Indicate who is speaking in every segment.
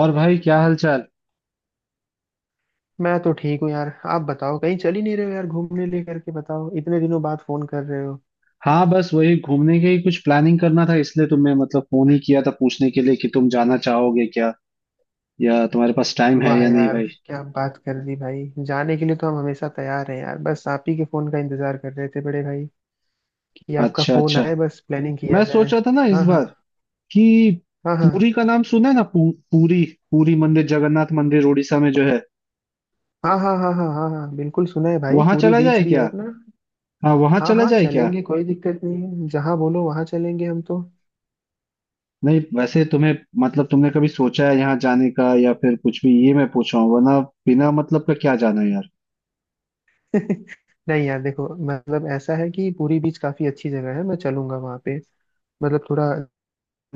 Speaker 1: और भाई क्या हाल चाल।
Speaker 2: मैं तो ठीक हूँ यार। आप बताओ कहीं चल ही नहीं रहे हो यार घूमने ले करके। बताओ इतने दिनों बाद फोन कर रहे हो।
Speaker 1: हाँ, बस वही घूमने के ही कुछ प्लानिंग करना था, इसलिए तुम्हें मतलब फोन ही किया था पूछने के लिए कि तुम जाना चाहोगे क्या, या तुम्हारे पास टाइम है
Speaker 2: वाह
Speaker 1: या नहीं
Speaker 2: यार।
Speaker 1: भाई।
Speaker 2: क्या बात कर दी भाई। जाने के लिए तो हम हमेशा तैयार हैं यार। बस आप ही के फोन का इंतजार कर रहे थे बड़े भाई। कि आपका
Speaker 1: अच्छा
Speaker 2: फोन
Speaker 1: अच्छा।
Speaker 2: आए बस प्लानिंग किया
Speaker 1: मैं
Speaker 2: जाए।
Speaker 1: सोच रहा था ना इस
Speaker 2: हाँ हाँ
Speaker 1: बार कि
Speaker 2: हाँ हाँ
Speaker 1: पुरी का नाम सुना है ना। पूरी, पूरी मंदिर, जगन्नाथ मंदिर उड़ीसा में जो है।
Speaker 2: हाँ हाँ हाँ हाँ हाँ हाँ बिल्कुल सुना है भाई।
Speaker 1: वहां
Speaker 2: पूरी
Speaker 1: चला
Speaker 2: बीच
Speaker 1: जाए
Speaker 2: भी है
Speaker 1: क्या?
Speaker 2: अपना।
Speaker 1: हाँ, वहां
Speaker 2: हाँ
Speaker 1: चला
Speaker 2: हाँ
Speaker 1: जाए क्या?
Speaker 2: चलेंगे। कोई दिक्कत नहीं है। जहाँ बोलो वहाँ चलेंगे हम तो।
Speaker 1: नहीं वैसे तुम्हें मतलब तुमने कभी सोचा है यहाँ जाने का या फिर कुछ भी, ये मैं पूछ रहा हूँ वरना बिना मतलब का क्या जाना यार।
Speaker 2: नहीं यार देखो मतलब ऐसा है कि पूरी बीच काफी अच्छी जगह है। मैं चलूंगा वहाँ पे। मतलब थोड़ा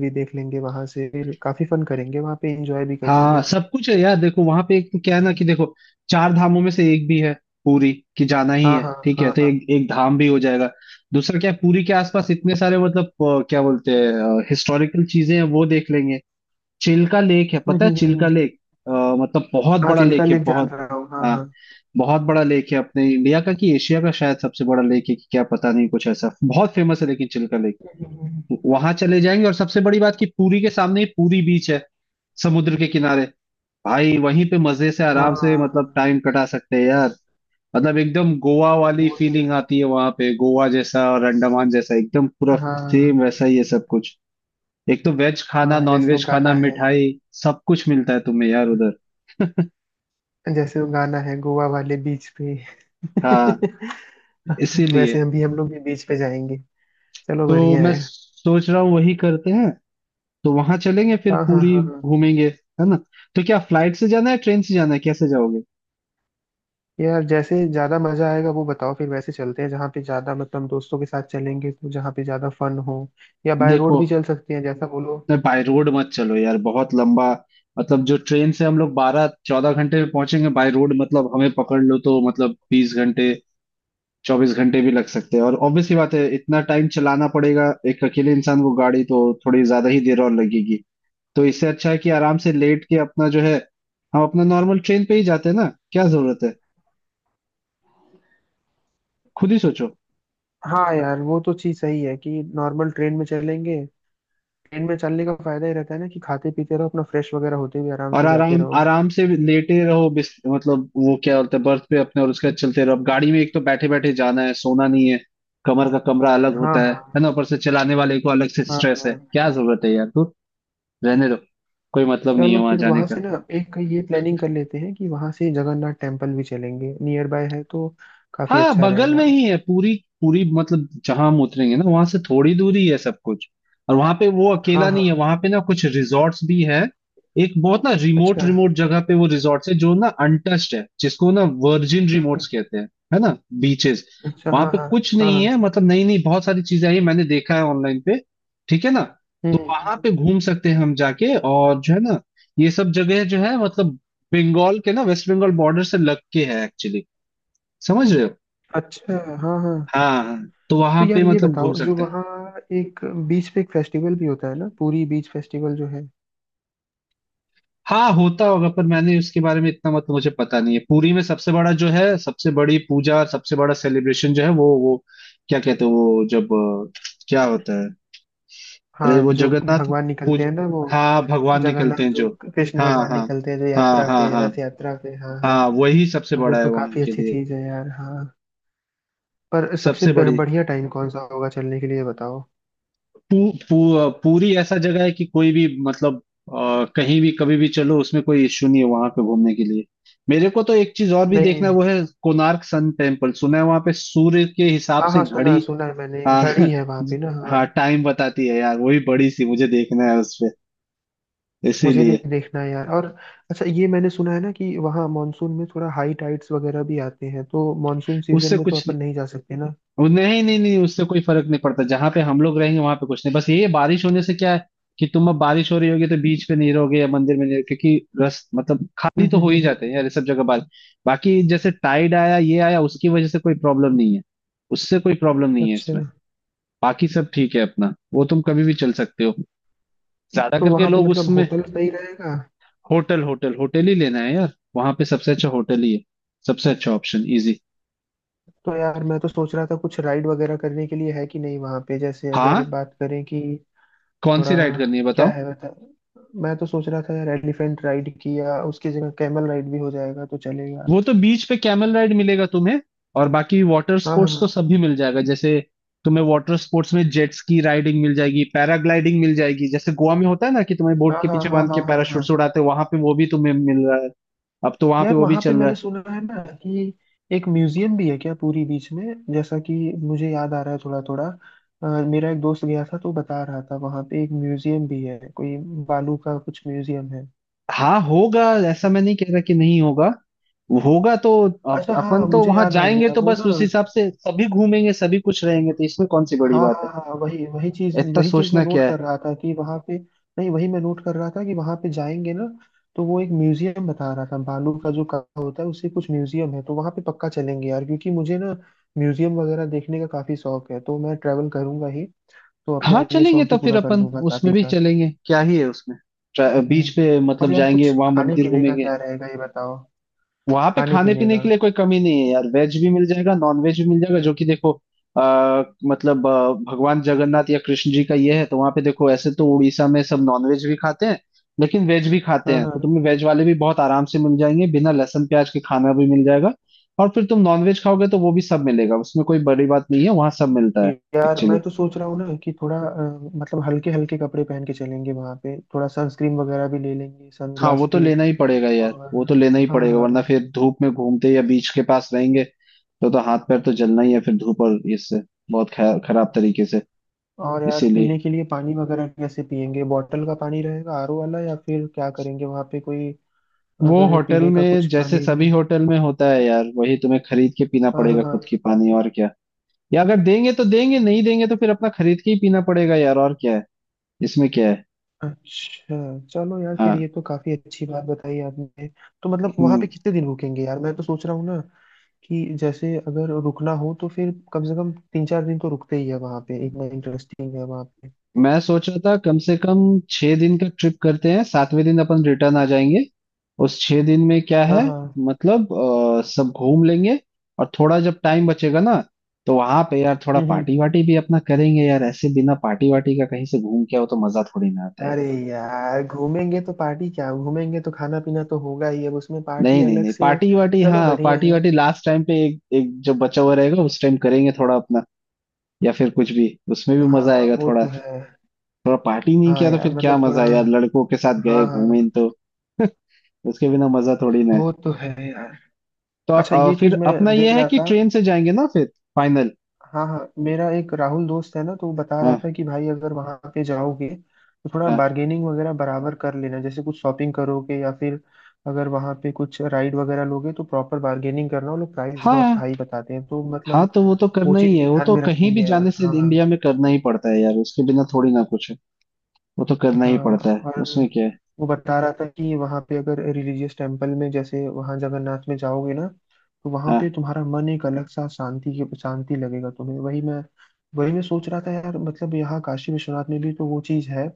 Speaker 2: भी देख लेंगे वहां से। फिर काफी फन करेंगे वहां पे। एंजॉय भी
Speaker 1: हाँ,
Speaker 2: करेंगे।
Speaker 1: सब कुछ है यार। देखो वहां पे एक क्या है ना कि देखो, चार धामों में से एक भी है पूरी। कि जाना ही
Speaker 2: हाँ
Speaker 1: है,
Speaker 2: हाँ
Speaker 1: ठीक
Speaker 2: हाँ
Speaker 1: है, तो
Speaker 2: हाँ
Speaker 1: एक एक धाम भी हो जाएगा। दूसरा क्या है, पूरी के आसपास इतने सारे मतलब, क्या बोलते हैं हिस्टोरिकल चीजें हैं, वो देख लेंगे। चिल्का लेक है,
Speaker 2: हम्म
Speaker 1: पता है,
Speaker 2: हम्म
Speaker 1: चिल्का
Speaker 2: हम्म
Speaker 1: लेक? अ, मतलब बहुत
Speaker 2: हाँ
Speaker 1: बड़ा लेक
Speaker 2: चिल्का
Speaker 1: है,
Speaker 2: लेक जान
Speaker 1: बहुत।
Speaker 2: रहा हूँ हाँ
Speaker 1: हाँ,
Speaker 2: हाँ।
Speaker 1: बहुत बड़ा लेक है अपने इंडिया का कि एशिया का, शायद सबसे बड़ा लेक है कि क्या पता नहीं, कुछ ऐसा बहुत फेमस है लेकिन चिल्का लेक।
Speaker 2: हम्म, हम्म, हम्म।
Speaker 1: वहां चले जाएंगे, और सबसे बड़ी बात कि पूरी के सामने ही पूरी बीच है, समुद्र के किनारे। भाई वहीं पे मजे से आराम से
Speaker 2: हाँ
Speaker 1: मतलब टाइम कटा सकते हैं यार। मतलब एकदम गोवा वाली
Speaker 2: वो तो
Speaker 1: फीलिंग
Speaker 2: यार।
Speaker 1: आती है वहां पे, गोवा जैसा और अंडमान जैसा, एकदम पूरा
Speaker 2: हाँ
Speaker 1: सेम वैसा ही है सब कुछ। एक तो वेज खाना,
Speaker 2: हाँ
Speaker 1: नॉन
Speaker 2: जैसे वो
Speaker 1: वेज खाना,
Speaker 2: गाना है।
Speaker 1: मिठाई, सब कुछ मिलता है तुम्हें यार उधर।
Speaker 2: जैसे वो गाना है गोवा वाले बीच पे।
Speaker 1: हाँ,
Speaker 2: वैसे
Speaker 1: इसीलिए
Speaker 2: हम भी हम लोग भी बीच पे जाएंगे। चलो
Speaker 1: तो
Speaker 2: बढ़िया
Speaker 1: मैं
Speaker 2: है।
Speaker 1: सोच रहा हूँ वही करते हैं। तो वहां चलेंगे फिर
Speaker 2: हाँ हाँ
Speaker 1: पूरी
Speaker 2: हाँ हाँ।
Speaker 1: घूमेंगे, है ना। तो क्या फ्लाइट से जाना है, ट्रेन से जाना है, कैसे जाओगे?
Speaker 2: यार जैसे ज्यादा मजा आएगा वो बताओ। फिर वैसे चलते हैं जहाँ पे ज्यादा मतलब दोस्तों के साथ चलेंगे तो जहाँ पे ज्यादा फन हो। या बाय रोड
Speaker 1: देखो,
Speaker 2: भी चल सकते हैं जैसा बोलो।
Speaker 1: नहीं बाय रोड मत चलो यार, बहुत लंबा। मतलब जो ट्रेन से हम लोग 12-14 घंटे में पहुंचेंगे, बाय रोड मतलब हमें पकड़ लो तो मतलब 20 घंटे 24 घंटे भी लग सकते हैं, और ऑब्वियस सी बात है, इतना टाइम चलाना पड़ेगा एक अकेले इंसान को गाड़ी, तो थोड़ी ज्यादा ही देर और लगेगी। तो इससे अच्छा है कि आराम से लेट के अपना जो है, हम अपना नॉर्मल ट्रेन पे ही जाते हैं ना, क्या जरूरत है, खुद ही सोचो।
Speaker 2: हाँ यार वो तो चीज सही है कि नॉर्मल ट्रेन में चलेंगे। ट्रेन में चलने का फायदा ही रहता है ना कि खाते पीते रहो अपना फ्रेश वगैरह होते हुए आराम
Speaker 1: और
Speaker 2: से जाते
Speaker 1: आराम
Speaker 2: रहो।
Speaker 1: आराम से लेटे रहो, बिस मतलब वो क्या बोलते हैं, बर्थ पे अपने, और उसके बाद चलते रहो। अब गाड़ी में एक तो बैठे बैठे जाना है, सोना नहीं है, कमर का कमरा अलग
Speaker 2: हाँ
Speaker 1: होता है
Speaker 2: हाँ
Speaker 1: है ना, ऊपर से चलाने वाले को अलग से
Speaker 2: हाँ
Speaker 1: स्ट्रेस
Speaker 2: हाँ।
Speaker 1: है, क्या जरूरत है यार, तू रहने दो, कोई मतलब नहीं है
Speaker 2: चलो
Speaker 1: वहां
Speaker 2: फिर
Speaker 1: जाने
Speaker 2: वहां से
Speaker 1: का।
Speaker 2: ना एक ये प्लानिंग कर लेते हैं कि वहां से जगन्नाथ टेम्पल भी चलेंगे। नियर बाय है तो काफी
Speaker 1: हाँ,
Speaker 2: अच्छा
Speaker 1: बगल
Speaker 2: रहेगा।
Speaker 1: में ही है पूरी। पूरी मतलब जहां हम उतरेंगे ना, वहां से थोड़ी दूरी है सब कुछ। और वहां पे वो
Speaker 2: हाँ
Speaker 1: अकेला नहीं है,
Speaker 2: हाँ।
Speaker 1: वहां पे ना कुछ रिजॉर्ट्स भी है। एक बहुत ना रिमोट
Speaker 2: अच्छा।
Speaker 1: रिमोट जगह पे वो रिजॉर्ट्स है, जो ना अनटच्ड है, जिसको ना वर्जिन रिमोट्स
Speaker 2: हम्म।
Speaker 1: कहते हैं, है ना, बीचेस।
Speaker 2: अच्छा
Speaker 1: वहां
Speaker 2: हाँ
Speaker 1: पे
Speaker 2: हाँ
Speaker 1: कुछ
Speaker 2: हाँ
Speaker 1: नहीं
Speaker 2: हाँ।
Speaker 1: है, मतलब नई नई बहुत सारी चीजें आई हैं, मैंने देखा है ऑनलाइन पे। ठीक है ना। तो
Speaker 2: हम्म।
Speaker 1: वहां पे घूम सकते हैं हम जाके, और जो है ना ये सब जगह जो है मतलब बंगाल के ना, वेस्ट बंगाल बॉर्डर से लग के है एक्चुअली, समझ रहे हो।
Speaker 2: अच्छा। हाँ हाँ।
Speaker 1: हाँ तो
Speaker 2: तो
Speaker 1: वहां पे
Speaker 2: यार ये
Speaker 1: मतलब घूम
Speaker 2: बताओ जो
Speaker 1: सकते हैं।
Speaker 2: वहाँ एक बीच पे एक फेस्टिवल भी होता है ना पूरी बीच फेस्टिवल जो है।
Speaker 1: हाँ होता होगा, पर मैंने उसके बारे में इतना मतलब मुझे पता नहीं है। पुरी में सबसे बड़ा जो है, सबसे बड़ी पूजा और सबसे बड़ा सेलिब्रेशन जो है, वो क्या कहते हैं, वो जब क्या होता है, अरे
Speaker 2: हाँ
Speaker 1: वो
Speaker 2: जो
Speaker 1: जगन्नाथ।
Speaker 2: भगवान निकलते
Speaker 1: पूज
Speaker 2: हैं ना वो।
Speaker 1: हाँ, भगवान निकलते
Speaker 2: जगन्नाथ
Speaker 1: हैं
Speaker 2: जो
Speaker 1: जो।
Speaker 2: कृष्ण
Speaker 1: हाँ
Speaker 2: भगवान
Speaker 1: हाँ
Speaker 2: निकलते हैं जो
Speaker 1: हाँ,
Speaker 2: यात्रा
Speaker 1: हाँ
Speaker 2: पे
Speaker 1: हाँ
Speaker 2: रथ यात्रा पे हाँ हाँ।
Speaker 1: हाँ, वही सबसे
Speaker 2: हाँ, वो
Speaker 1: बड़ा है
Speaker 2: तो
Speaker 1: वहां
Speaker 2: काफी
Speaker 1: के
Speaker 2: अच्छी
Speaker 1: लिए।
Speaker 2: चीज है यार हाँ। पर सबसे
Speaker 1: सबसे बड़ी
Speaker 2: बढ़िया टाइम कौन सा होगा चलने के लिए ये बताओ।
Speaker 1: पू, पू, पूरी ऐसा जगह है कि कोई भी मतलब कहीं भी कभी भी चलो, उसमें कोई इश्यू नहीं है वहां पे घूमने के लिए। मेरे को तो एक चीज और भी देखना है,
Speaker 2: नहीं।
Speaker 1: वो है कोणार्क सन टेम्पल, सुना है, वहां पे सूर्य के हिसाब
Speaker 2: हाँ
Speaker 1: से
Speaker 2: हाँ
Speaker 1: घड़ी।
Speaker 2: सुना है मैंने।
Speaker 1: हाँ
Speaker 2: घड़ी है वहाँ पे ना हाँ।
Speaker 1: हाँ, टाइम बताती है यार, वही बड़ी सी मुझे देखना है उसपे,
Speaker 2: मुझे भी
Speaker 1: इसीलिए।
Speaker 2: देखना है यार। और अच्छा ये मैंने सुना है ना कि वहाँ मानसून में थोड़ा हाई टाइड्स वगैरह भी आते हैं तो मानसून सीजन
Speaker 1: उससे
Speaker 2: में तो
Speaker 1: कुछ,
Speaker 2: अपन नहीं जा सकते ना।
Speaker 1: वो, नहीं नहीं नहीं, उससे कोई फर्क नहीं पड़ता। जहां पे हम लोग रहेंगे वहां पे कुछ नहीं, बस ये है, बारिश होने से क्या है, कि तुम अब बारिश हो रही होगी तो बीच पे नहीं रहोगे या मंदिर में नहीं रहोगे, क्योंकि रस मतलब खाली
Speaker 2: हम्म
Speaker 1: तो
Speaker 2: हम्म
Speaker 1: हो ही
Speaker 2: हम्म
Speaker 1: जाते
Speaker 2: हम्म।
Speaker 1: हैं यार ये सब जगह, बाल। बाकी जैसे टाइड आया ये आया उसकी वजह से कोई प्रॉब्लम नहीं है, उससे कोई प्रॉब्लम नहीं है
Speaker 2: अच्छा।
Speaker 1: इसमें। बाकी सब ठीक है अपना, वो तुम कभी भी चल सकते हो, ज्यादा
Speaker 2: तो
Speaker 1: करके
Speaker 2: वहाँ पे
Speaker 1: लोग
Speaker 2: मतलब
Speaker 1: उसमें।
Speaker 2: होटल सही रहेगा।
Speaker 1: होटल होटल होटल ही लेना है यार, वहां पे सबसे अच्छा होटल ही है, सबसे अच्छा ऑप्शन इजी।
Speaker 2: तो यार मैं तो सोच रहा था कुछ राइड वगैरह करने के लिए है कि नहीं वहाँ पे जैसे अगर
Speaker 1: हाँ,
Speaker 2: बात करें कि
Speaker 1: कौन
Speaker 2: थोड़ा
Speaker 1: सी राइड करनी है
Speaker 2: क्या
Speaker 1: बताओ।
Speaker 2: है बता। मैं तो सोच रहा था यार एलिफेंट राइड की या उसकी जगह कैमल राइड भी हो जाएगा तो चलेगा।
Speaker 1: वो तो बीच पे कैमल राइड मिलेगा तुम्हें, और बाकी वाटर
Speaker 2: हाँ
Speaker 1: स्पोर्ट्स तो
Speaker 2: हाँ
Speaker 1: सभी मिल जाएगा। जैसे तुम्हें वाटर स्पोर्ट्स में जेट्स की राइडिंग मिल जाएगी, पैराग्लाइडिंग मिल जाएगी, जैसे गोवा में होता है ना कि तुम्हें बोट
Speaker 2: हाँ
Speaker 1: के
Speaker 2: हाँ
Speaker 1: पीछे
Speaker 2: हाँ
Speaker 1: बांध के
Speaker 2: हाँ हाँ हाँ।
Speaker 1: पैराशूट उड़ाते हैं वहां पे, वो भी तुम्हें मिल रहा है, अब तो वहां पे
Speaker 2: यार
Speaker 1: वो भी
Speaker 2: वहाँ पे
Speaker 1: चल रहा
Speaker 2: मैंने
Speaker 1: है।
Speaker 2: सुना है ना कि एक म्यूजियम भी है क्या पूरी बीच में। जैसा कि मुझे याद आ रहा है थोड़ा थोड़ा। मेरा एक दोस्त गया था तो बता रहा था वहाँ पे एक म्यूजियम भी है कोई बालू का कुछ म्यूजियम है।
Speaker 1: हाँ होगा, ऐसा मैं नहीं कह रहा कि नहीं होगा, होगा तो।
Speaker 2: अच्छा हाँ
Speaker 1: अपन तो
Speaker 2: मुझे
Speaker 1: वहां
Speaker 2: याद आ
Speaker 1: जाएंगे
Speaker 2: गया
Speaker 1: तो
Speaker 2: वो
Speaker 1: बस
Speaker 2: ना।
Speaker 1: उस हिसाब से सभी घूमेंगे, सभी कुछ रहेंगे, तो इसमें कौन सी बड़ी
Speaker 2: हाँ
Speaker 1: बात है,
Speaker 2: हाँ हाँ हाँ, वही
Speaker 1: इतना
Speaker 2: वही चीज मैं
Speaker 1: सोचना क्या
Speaker 2: नोट
Speaker 1: है।
Speaker 2: कर रहा था कि वहां पे। नहीं वही मैं नोट कर रहा था कि वहां पे जाएंगे ना तो वो एक म्यूजियम बता रहा था बालू का जो काम होता है उससे कुछ म्यूजियम है तो वहां पे पक्का चलेंगे यार क्योंकि मुझे ना म्यूजियम वगैरह देखने का काफी शौक है तो मैं ट्रैवल करूंगा ही। तो अपना
Speaker 1: हाँ
Speaker 2: ये
Speaker 1: चलेंगे
Speaker 2: शौक भी
Speaker 1: तो फिर
Speaker 2: पूरा कर
Speaker 1: अपन
Speaker 2: लूंगा साथ ही
Speaker 1: उसमें भी
Speaker 2: साथ।
Speaker 1: चलेंगे, क्या ही है उसमें।
Speaker 2: हम्म
Speaker 1: बीच
Speaker 2: हम्म।
Speaker 1: पे
Speaker 2: और
Speaker 1: मतलब
Speaker 2: यार
Speaker 1: जाएंगे,
Speaker 2: कुछ
Speaker 1: वहां
Speaker 2: खाने
Speaker 1: मंदिर
Speaker 2: पीने का
Speaker 1: घूमेंगे।
Speaker 2: क्या रहेगा ये बताओ।
Speaker 1: वहां पे
Speaker 2: खाने
Speaker 1: खाने
Speaker 2: पीने
Speaker 1: पीने के
Speaker 2: का।
Speaker 1: लिए कोई कमी नहीं है यार, वेज भी मिल जाएगा, नॉन वेज भी मिल जाएगा, जो कि देखो आ, मतलब भगवान जगन्नाथ या कृष्ण जी का ये है, तो वहां पे देखो, ऐसे तो उड़ीसा में सब नॉन वेज भी खाते हैं, लेकिन वेज भी खाते
Speaker 2: हाँ
Speaker 1: हैं, तो
Speaker 2: हाँ।
Speaker 1: तुम्हें वेज वाले भी बहुत आराम से मिल जाएंगे, बिना लहसुन प्याज के खाना भी मिल जाएगा। और फिर तुम नॉन वेज खाओगे तो वो भी सब मिलेगा, उसमें कोई बड़ी बात नहीं है, वहां सब मिलता है।
Speaker 2: यार मैं
Speaker 1: एक्चुअली
Speaker 2: तो सोच रहा हूँ ना कि थोड़ा मतलब हल्के हल्के कपड़े पहन के चलेंगे वहां पे थोड़ा सनस्क्रीन वगैरह भी ले लेंगे
Speaker 1: हाँ, वो
Speaker 2: सनग्लास
Speaker 1: तो
Speaker 2: भी।
Speaker 1: लेना ही पड़ेगा यार,
Speaker 2: और।
Speaker 1: वो तो लेना ही
Speaker 2: हाँ
Speaker 1: पड़ेगा,
Speaker 2: हाँ।
Speaker 1: वरना फिर धूप में घूमते या बीच के पास रहेंगे तो, हाथ पैर तो जलना ही है, फिर धूप और इससे बहुत खराब तरीके से।
Speaker 2: और यार
Speaker 1: इसीलिए,
Speaker 2: पीने के लिए पानी वगैरह कैसे पियेंगे। बॉटल का पानी रहेगा आरओ वाला या फिर क्या करेंगे वहां पे कोई
Speaker 1: वो
Speaker 2: अगर
Speaker 1: होटल
Speaker 2: पीने का
Speaker 1: में
Speaker 2: कुछ
Speaker 1: जैसे
Speaker 2: पानी में।
Speaker 1: सभी होटल में होता है यार, वही तुम्हें खरीद के पीना
Speaker 2: हाँ हाँ
Speaker 1: पड़ेगा
Speaker 2: हाँ।
Speaker 1: खुद की पानी, और क्या। या अगर देंगे तो देंगे, नहीं देंगे तो फिर अपना खरीद के ही पीना पड़ेगा यार, और क्या है इसमें, क्या है।
Speaker 2: अच्छा। चलो यार फिर
Speaker 1: हाँ।
Speaker 2: ये तो काफी अच्छी बात बताई आपने। तो मतलब वहां
Speaker 1: हम्म।
Speaker 2: पे कितने दिन रुकेंगे यार। मैं तो सोच रहा हूँ ना कि जैसे अगर रुकना हो तो फिर कम से कम 3-4 दिन तो रुकते ही है वहां पे। इतना इंटरेस्टिंग है वहां पे।
Speaker 1: मैं सोच रहा था कम से कम 6 दिन का ट्रिप करते हैं, सातवें दिन अपन रिटर्न आ जाएंगे, उस 6 दिन में क्या
Speaker 2: हाँ
Speaker 1: है,
Speaker 2: हाँ।
Speaker 1: मतलब सब घूम लेंगे। और थोड़ा जब टाइम बचेगा ना, तो वहां पे यार थोड़ा
Speaker 2: हम्म हम्म।
Speaker 1: पार्टी वार्टी भी अपना करेंगे यार, ऐसे बिना पार्टी वार्टी का कहीं से घूम के आओ तो मजा थोड़ी ना आता है।
Speaker 2: अरे यार घूमेंगे तो पार्टी क्या। घूमेंगे तो खाना पीना तो होगा ही। अब उसमें पार्टी
Speaker 1: नहीं नहीं
Speaker 2: अलग
Speaker 1: नहीं,
Speaker 2: से।
Speaker 1: पार्टी वार्टी,
Speaker 2: चलो
Speaker 1: हाँ
Speaker 2: बढ़िया
Speaker 1: पार्टी
Speaker 2: है।
Speaker 1: वार्टी लास्ट टाइम पे, एक एक जब बचा हुआ रहेगा उस टाइम करेंगे थोड़ा अपना, या फिर कुछ भी, उसमें भी मजा
Speaker 2: हाँ
Speaker 1: आएगा
Speaker 2: वो
Speaker 1: थोड़ा।
Speaker 2: तो है।
Speaker 1: थोड़ा पार्टी नहीं
Speaker 2: हाँ
Speaker 1: किया तो
Speaker 2: यार
Speaker 1: फिर क्या
Speaker 2: मतलब थोड़ा
Speaker 1: मजा है यार, लड़कों के साथ
Speaker 2: हाँ
Speaker 1: गए घूमे
Speaker 2: हाँ।
Speaker 1: तो। उसके बिना मजा थोड़ी ना है।
Speaker 2: वो तो है यार।
Speaker 1: तो
Speaker 2: अच्छा ये
Speaker 1: फिर
Speaker 2: चीज मैं
Speaker 1: अपना
Speaker 2: देख
Speaker 1: ये है
Speaker 2: रहा
Speaker 1: कि
Speaker 2: था।
Speaker 1: ट्रेन से जाएंगे ना फिर, फाइनल।
Speaker 2: हाँ हाँ मेरा एक राहुल दोस्त है ना तो वो बता रहा
Speaker 1: हाँ
Speaker 2: था कि भाई अगर वहाँ पे जाओगे तो थोड़ा
Speaker 1: हाँ
Speaker 2: बार्गेनिंग वगैरह बराबर कर लेना जैसे कुछ शॉपिंग करोगे या फिर अगर वहाँ पे कुछ राइड वगैरह लोगे तो प्रॉपर बार्गेनिंग करना। वो लोग प्राइस बहुत
Speaker 1: हाँ
Speaker 2: हाई बताते हैं तो
Speaker 1: हाँ,
Speaker 2: मतलब
Speaker 1: तो वो तो
Speaker 2: वो
Speaker 1: करना ही
Speaker 2: चीज़
Speaker 1: है,
Speaker 2: भी
Speaker 1: वो
Speaker 2: ध्यान
Speaker 1: तो
Speaker 2: में
Speaker 1: कहीं
Speaker 2: रखेंगे
Speaker 1: भी जाने
Speaker 2: यार
Speaker 1: से
Speaker 2: हाँ हाँ।
Speaker 1: इंडिया में करना ही पड़ता है यार, उसके बिना थोड़ी ना कुछ है, वो तो करना
Speaker 2: हाँ।
Speaker 1: ही पड़ता है,
Speaker 2: और
Speaker 1: उसमें क्या है।
Speaker 2: वो बता रहा था कि वहाँ पे अगर रिलीजियस टेम्पल में जैसे वहाँ जगन्नाथ में जाओगे ना तो वहाँ पे
Speaker 1: हाँ।
Speaker 2: तुम्हारा मन एक अलग सा शांति की शांति लगेगा तुम्हें। वही मैं सोच रहा था यार मतलब यहाँ काशी विश्वनाथ में भी तो वो चीज़ है।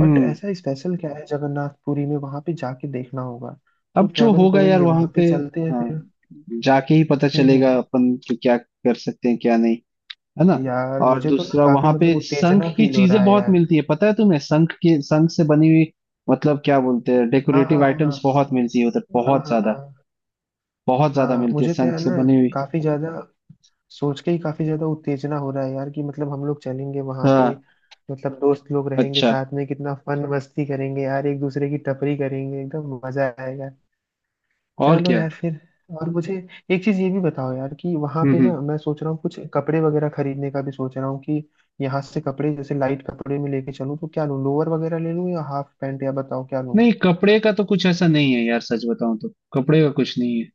Speaker 2: बट ऐसा स्पेशल क्या है जगन्नाथपुरी में वहाँ पे जाके देखना होगा। तो
Speaker 1: अब जो
Speaker 2: ट्रेवल
Speaker 1: होगा यार
Speaker 2: करेंगे
Speaker 1: वहां
Speaker 2: वहाँ
Speaker 1: पे,
Speaker 2: पे चलते हैं
Speaker 1: हाँ,
Speaker 2: फिर।
Speaker 1: जाके ही पता चलेगा
Speaker 2: हम्म।
Speaker 1: अपन कि क्या कर सकते हैं क्या नहीं, है ना।
Speaker 2: यार
Speaker 1: और
Speaker 2: मुझे तो ना
Speaker 1: दूसरा
Speaker 2: काफी
Speaker 1: वहां पे
Speaker 2: मतलब
Speaker 1: शंख
Speaker 2: उत्तेजना
Speaker 1: की
Speaker 2: फील हो रहा
Speaker 1: चीजें
Speaker 2: है
Speaker 1: बहुत
Speaker 2: यार।
Speaker 1: मिलती है, पता है तुम्हें, शंख के, शंख से बनी हुई मतलब क्या बोलते हैं,
Speaker 2: हाँ हाँ
Speaker 1: डेकोरेटिव
Speaker 2: हाँ
Speaker 1: आइटम्स
Speaker 2: हाँ
Speaker 1: बहुत मिलती है उधर,
Speaker 2: हाँ
Speaker 1: बहुत
Speaker 2: हाँ हाँ
Speaker 1: ज्यादा,
Speaker 2: हाँ।
Speaker 1: बहुत ज्यादा
Speaker 2: हाँ,
Speaker 1: मिलती है
Speaker 2: मुझे तो
Speaker 1: शंख
Speaker 2: यार
Speaker 1: से
Speaker 2: ना
Speaker 1: बनी हुई।
Speaker 2: काफी ज्यादा सोच के ही काफी ज्यादा उत्तेजना हो रहा है यार कि मतलब हम लोग चलेंगे वहां पे।
Speaker 1: हाँ,
Speaker 2: मतलब दोस्त लोग रहेंगे
Speaker 1: अच्छा,
Speaker 2: साथ में कितना फन मस्ती करेंगे यार। एक दूसरे की टपरी करेंगे एकदम मजा आएगा।
Speaker 1: और
Speaker 2: चलो
Speaker 1: क्या।
Speaker 2: यार फिर। और मुझे एक चीज ये भी बताओ यार कि वहां पे ना
Speaker 1: हम्म।
Speaker 2: मैं सोच रहा हूँ कुछ कपड़े वगैरह खरीदने का भी सोच रहा हूँ कि यहाँ से कपड़े जैसे लाइट कपड़े में लेके चलूँ तो क्या लूँ लोअर वगैरह ले लूँ या हाफ पैंट या बताओ क्या लूँ।
Speaker 1: नहीं, कपड़े का तो कुछ ऐसा नहीं है यार, सच बताऊं तो कपड़े का कुछ नहीं है,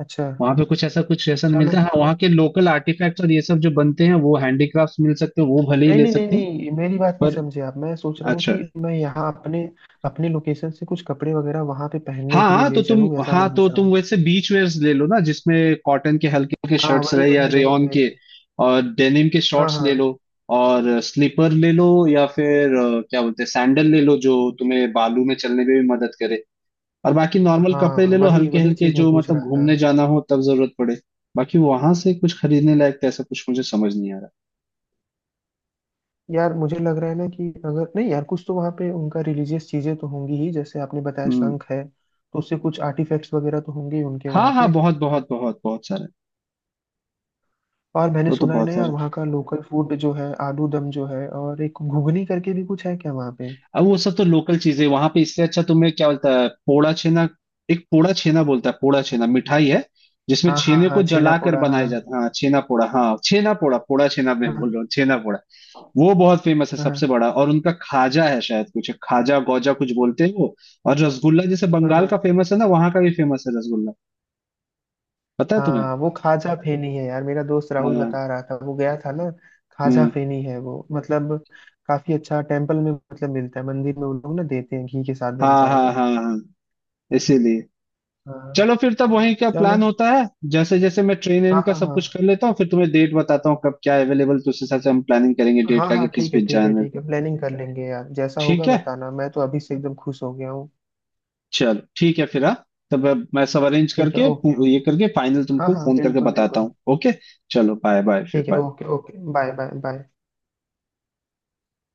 Speaker 2: अच्छा।
Speaker 1: वहां पे कुछ ऐसा नहीं
Speaker 2: चलो।
Speaker 1: मिलता है। हाँ, वहाँ के लोकल आर्टिफैक्ट्स और ये सब जो बनते हैं, वो हैंडीक्राफ्ट्स मिल सकते हैं, वो भले ही
Speaker 2: नहीं
Speaker 1: ले
Speaker 2: नहीं नहीं
Speaker 1: सकते हैं
Speaker 2: नहीं मेरी बात नहीं
Speaker 1: पर।
Speaker 2: समझे आप। मैं सोच रहा हूँ
Speaker 1: अच्छा,
Speaker 2: कि मैं यहाँ अपने अपने लोकेशन से कुछ कपड़े वगैरह वहां पे
Speaker 1: हाँ
Speaker 2: पहनने के लिए
Speaker 1: हाँ,
Speaker 2: ले चलूँ ऐसा मैं
Speaker 1: तो
Speaker 2: पूछ रहा हूँ।
Speaker 1: तुम वैसे बीच वेयर्स ले लो ना, जिसमें कॉटन के हल्के हल्के
Speaker 2: हाँ
Speaker 1: शर्ट्स
Speaker 2: वही
Speaker 1: रहे या
Speaker 2: वही वही
Speaker 1: रेयॉन
Speaker 2: वही।
Speaker 1: के, और डेनिम के
Speaker 2: हाँ
Speaker 1: शॉर्ट्स
Speaker 2: हाँ
Speaker 1: ले लो, और स्लीपर ले लो या फिर क्या बोलते हैं सैंडल ले लो, जो तुम्हें बालू में चलने में भी मदद करे, और बाकी नॉर्मल कपड़े
Speaker 2: हाँ
Speaker 1: ले लो,
Speaker 2: वही
Speaker 1: हल्के
Speaker 2: वही
Speaker 1: हल्के,
Speaker 2: चीज मैं
Speaker 1: जो
Speaker 2: पूछ
Speaker 1: मतलब
Speaker 2: रहा था।
Speaker 1: घूमने जाना हो तब जरूरत पड़े। बाकी वहां से कुछ खरीदने लायक तो ऐसा कुछ मुझे समझ नहीं आ रहा।
Speaker 2: यार मुझे लग रहा है ना कि अगर नहीं यार कुछ तो वहाँ पे उनका रिलीजियस चीजें तो होंगी ही जैसे आपने बताया
Speaker 1: हम्म।
Speaker 2: शंख है तो उससे कुछ आर्टिफैक्ट्स वगैरह तो होंगे ही उनके
Speaker 1: हाँ
Speaker 2: वहाँ
Speaker 1: हाँ,
Speaker 2: पे।
Speaker 1: बहुत बहुत बहुत बहुत सारे।
Speaker 2: और मैंने
Speaker 1: तो
Speaker 2: सुना है ना
Speaker 1: बहुत
Speaker 2: यार
Speaker 1: सारे,
Speaker 2: वहाँ का लोकल फूड जो है आलू दम जो है और एक घुगनी करके भी कुछ है क्या वहाँ पे।
Speaker 1: अब वो सब तो लोकल चीजें वहां पे। इससे अच्छा तुम्हें क्या बोलता है, पोड़ा छेना, एक पोड़ा छेना बोलता है, पोड़ा छेना मिठाई है, जिसमें
Speaker 2: हाँ हाँ
Speaker 1: छेने को
Speaker 2: हाँ छेना
Speaker 1: जलाकर
Speaker 2: पोड़ा
Speaker 1: बनाया
Speaker 2: हाँ।
Speaker 1: जाता है। हाँ, छेना पोड़ा, हाँ छेना पोड़ा, पोड़ा छेना मैं बोल
Speaker 2: हाँ
Speaker 1: रहा हूँ, छेना पोड़ा। वो बहुत फेमस है
Speaker 2: हाँ
Speaker 1: सबसे बड़ा, और उनका खाजा है शायद, कुछ खाजा गौजा कुछ बोलते हैं वो, और रसगुल्ला जैसे बंगाल
Speaker 2: हाँ
Speaker 1: का फेमस है ना, वहां का भी फेमस है रसगुल्ला, पता है तुम्हें।
Speaker 2: हाँ। वो खाजा फेनी है यार मेरा दोस्त राहुल
Speaker 1: हाँ,
Speaker 2: बता रहा था वो गया था ना। खाजा
Speaker 1: हम्म,
Speaker 2: फेनी है वो मतलब काफी अच्छा टेम्पल में मतलब मिलता है मंदिर में। वो लोग ना देते हैं घी के साथ
Speaker 1: हाँ
Speaker 2: बनता है
Speaker 1: हाँ
Speaker 2: वो।
Speaker 1: हाँ हाँ, इसीलिए
Speaker 2: हाँ।
Speaker 1: चलो फिर तब वहीं का
Speaker 2: चलो।
Speaker 1: प्लान होता है। जैसे जैसे मैं ट्रेन इन
Speaker 2: हाँ
Speaker 1: का
Speaker 2: हाँ
Speaker 1: सब
Speaker 2: हाँ
Speaker 1: कुछ कर लेता हूँ, फिर तुम्हें डेट बताता हूँ कब क्या अवेलेबल, तो उस हिसाब से हम प्लानिंग करेंगे डेट
Speaker 2: हाँ
Speaker 1: का
Speaker 2: हाँ
Speaker 1: कि किस
Speaker 2: ठीक है
Speaker 1: बीच
Speaker 2: ठीक है
Speaker 1: जाना है।
Speaker 2: ठीक है। प्लानिंग कर लेंगे यार जैसा
Speaker 1: ठीक
Speaker 2: होगा
Speaker 1: है।
Speaker 2: बताना। मैं तो अभी से एकदम खुश हो गया हूँ।
Speaker 1: चलो, ठीक है फिर, हाँ, तब अब मैं सब अरेंज
Speaker 2: ठीक है
Speaker 1: करके
Speaker 2: ओके
Speaker 1: ये
Speaker 2: ओके।
Speaker 1: करके फाइनल
Speaker 2: हाँ
Speaker 1: तुमको
Speaker 2: हाँ
Speaker 1: फोन करके
Speaker 2: बिल्कुल
Speaker 1: बताता
Speaker 2: बिल्कुल।
Speaker 1: हूँ, ओके। चलो बाय बाय फिर,
Speaker 2: ठीक है
Speaker 1: bye.
Speaker 2: Okay okay bye bye bye.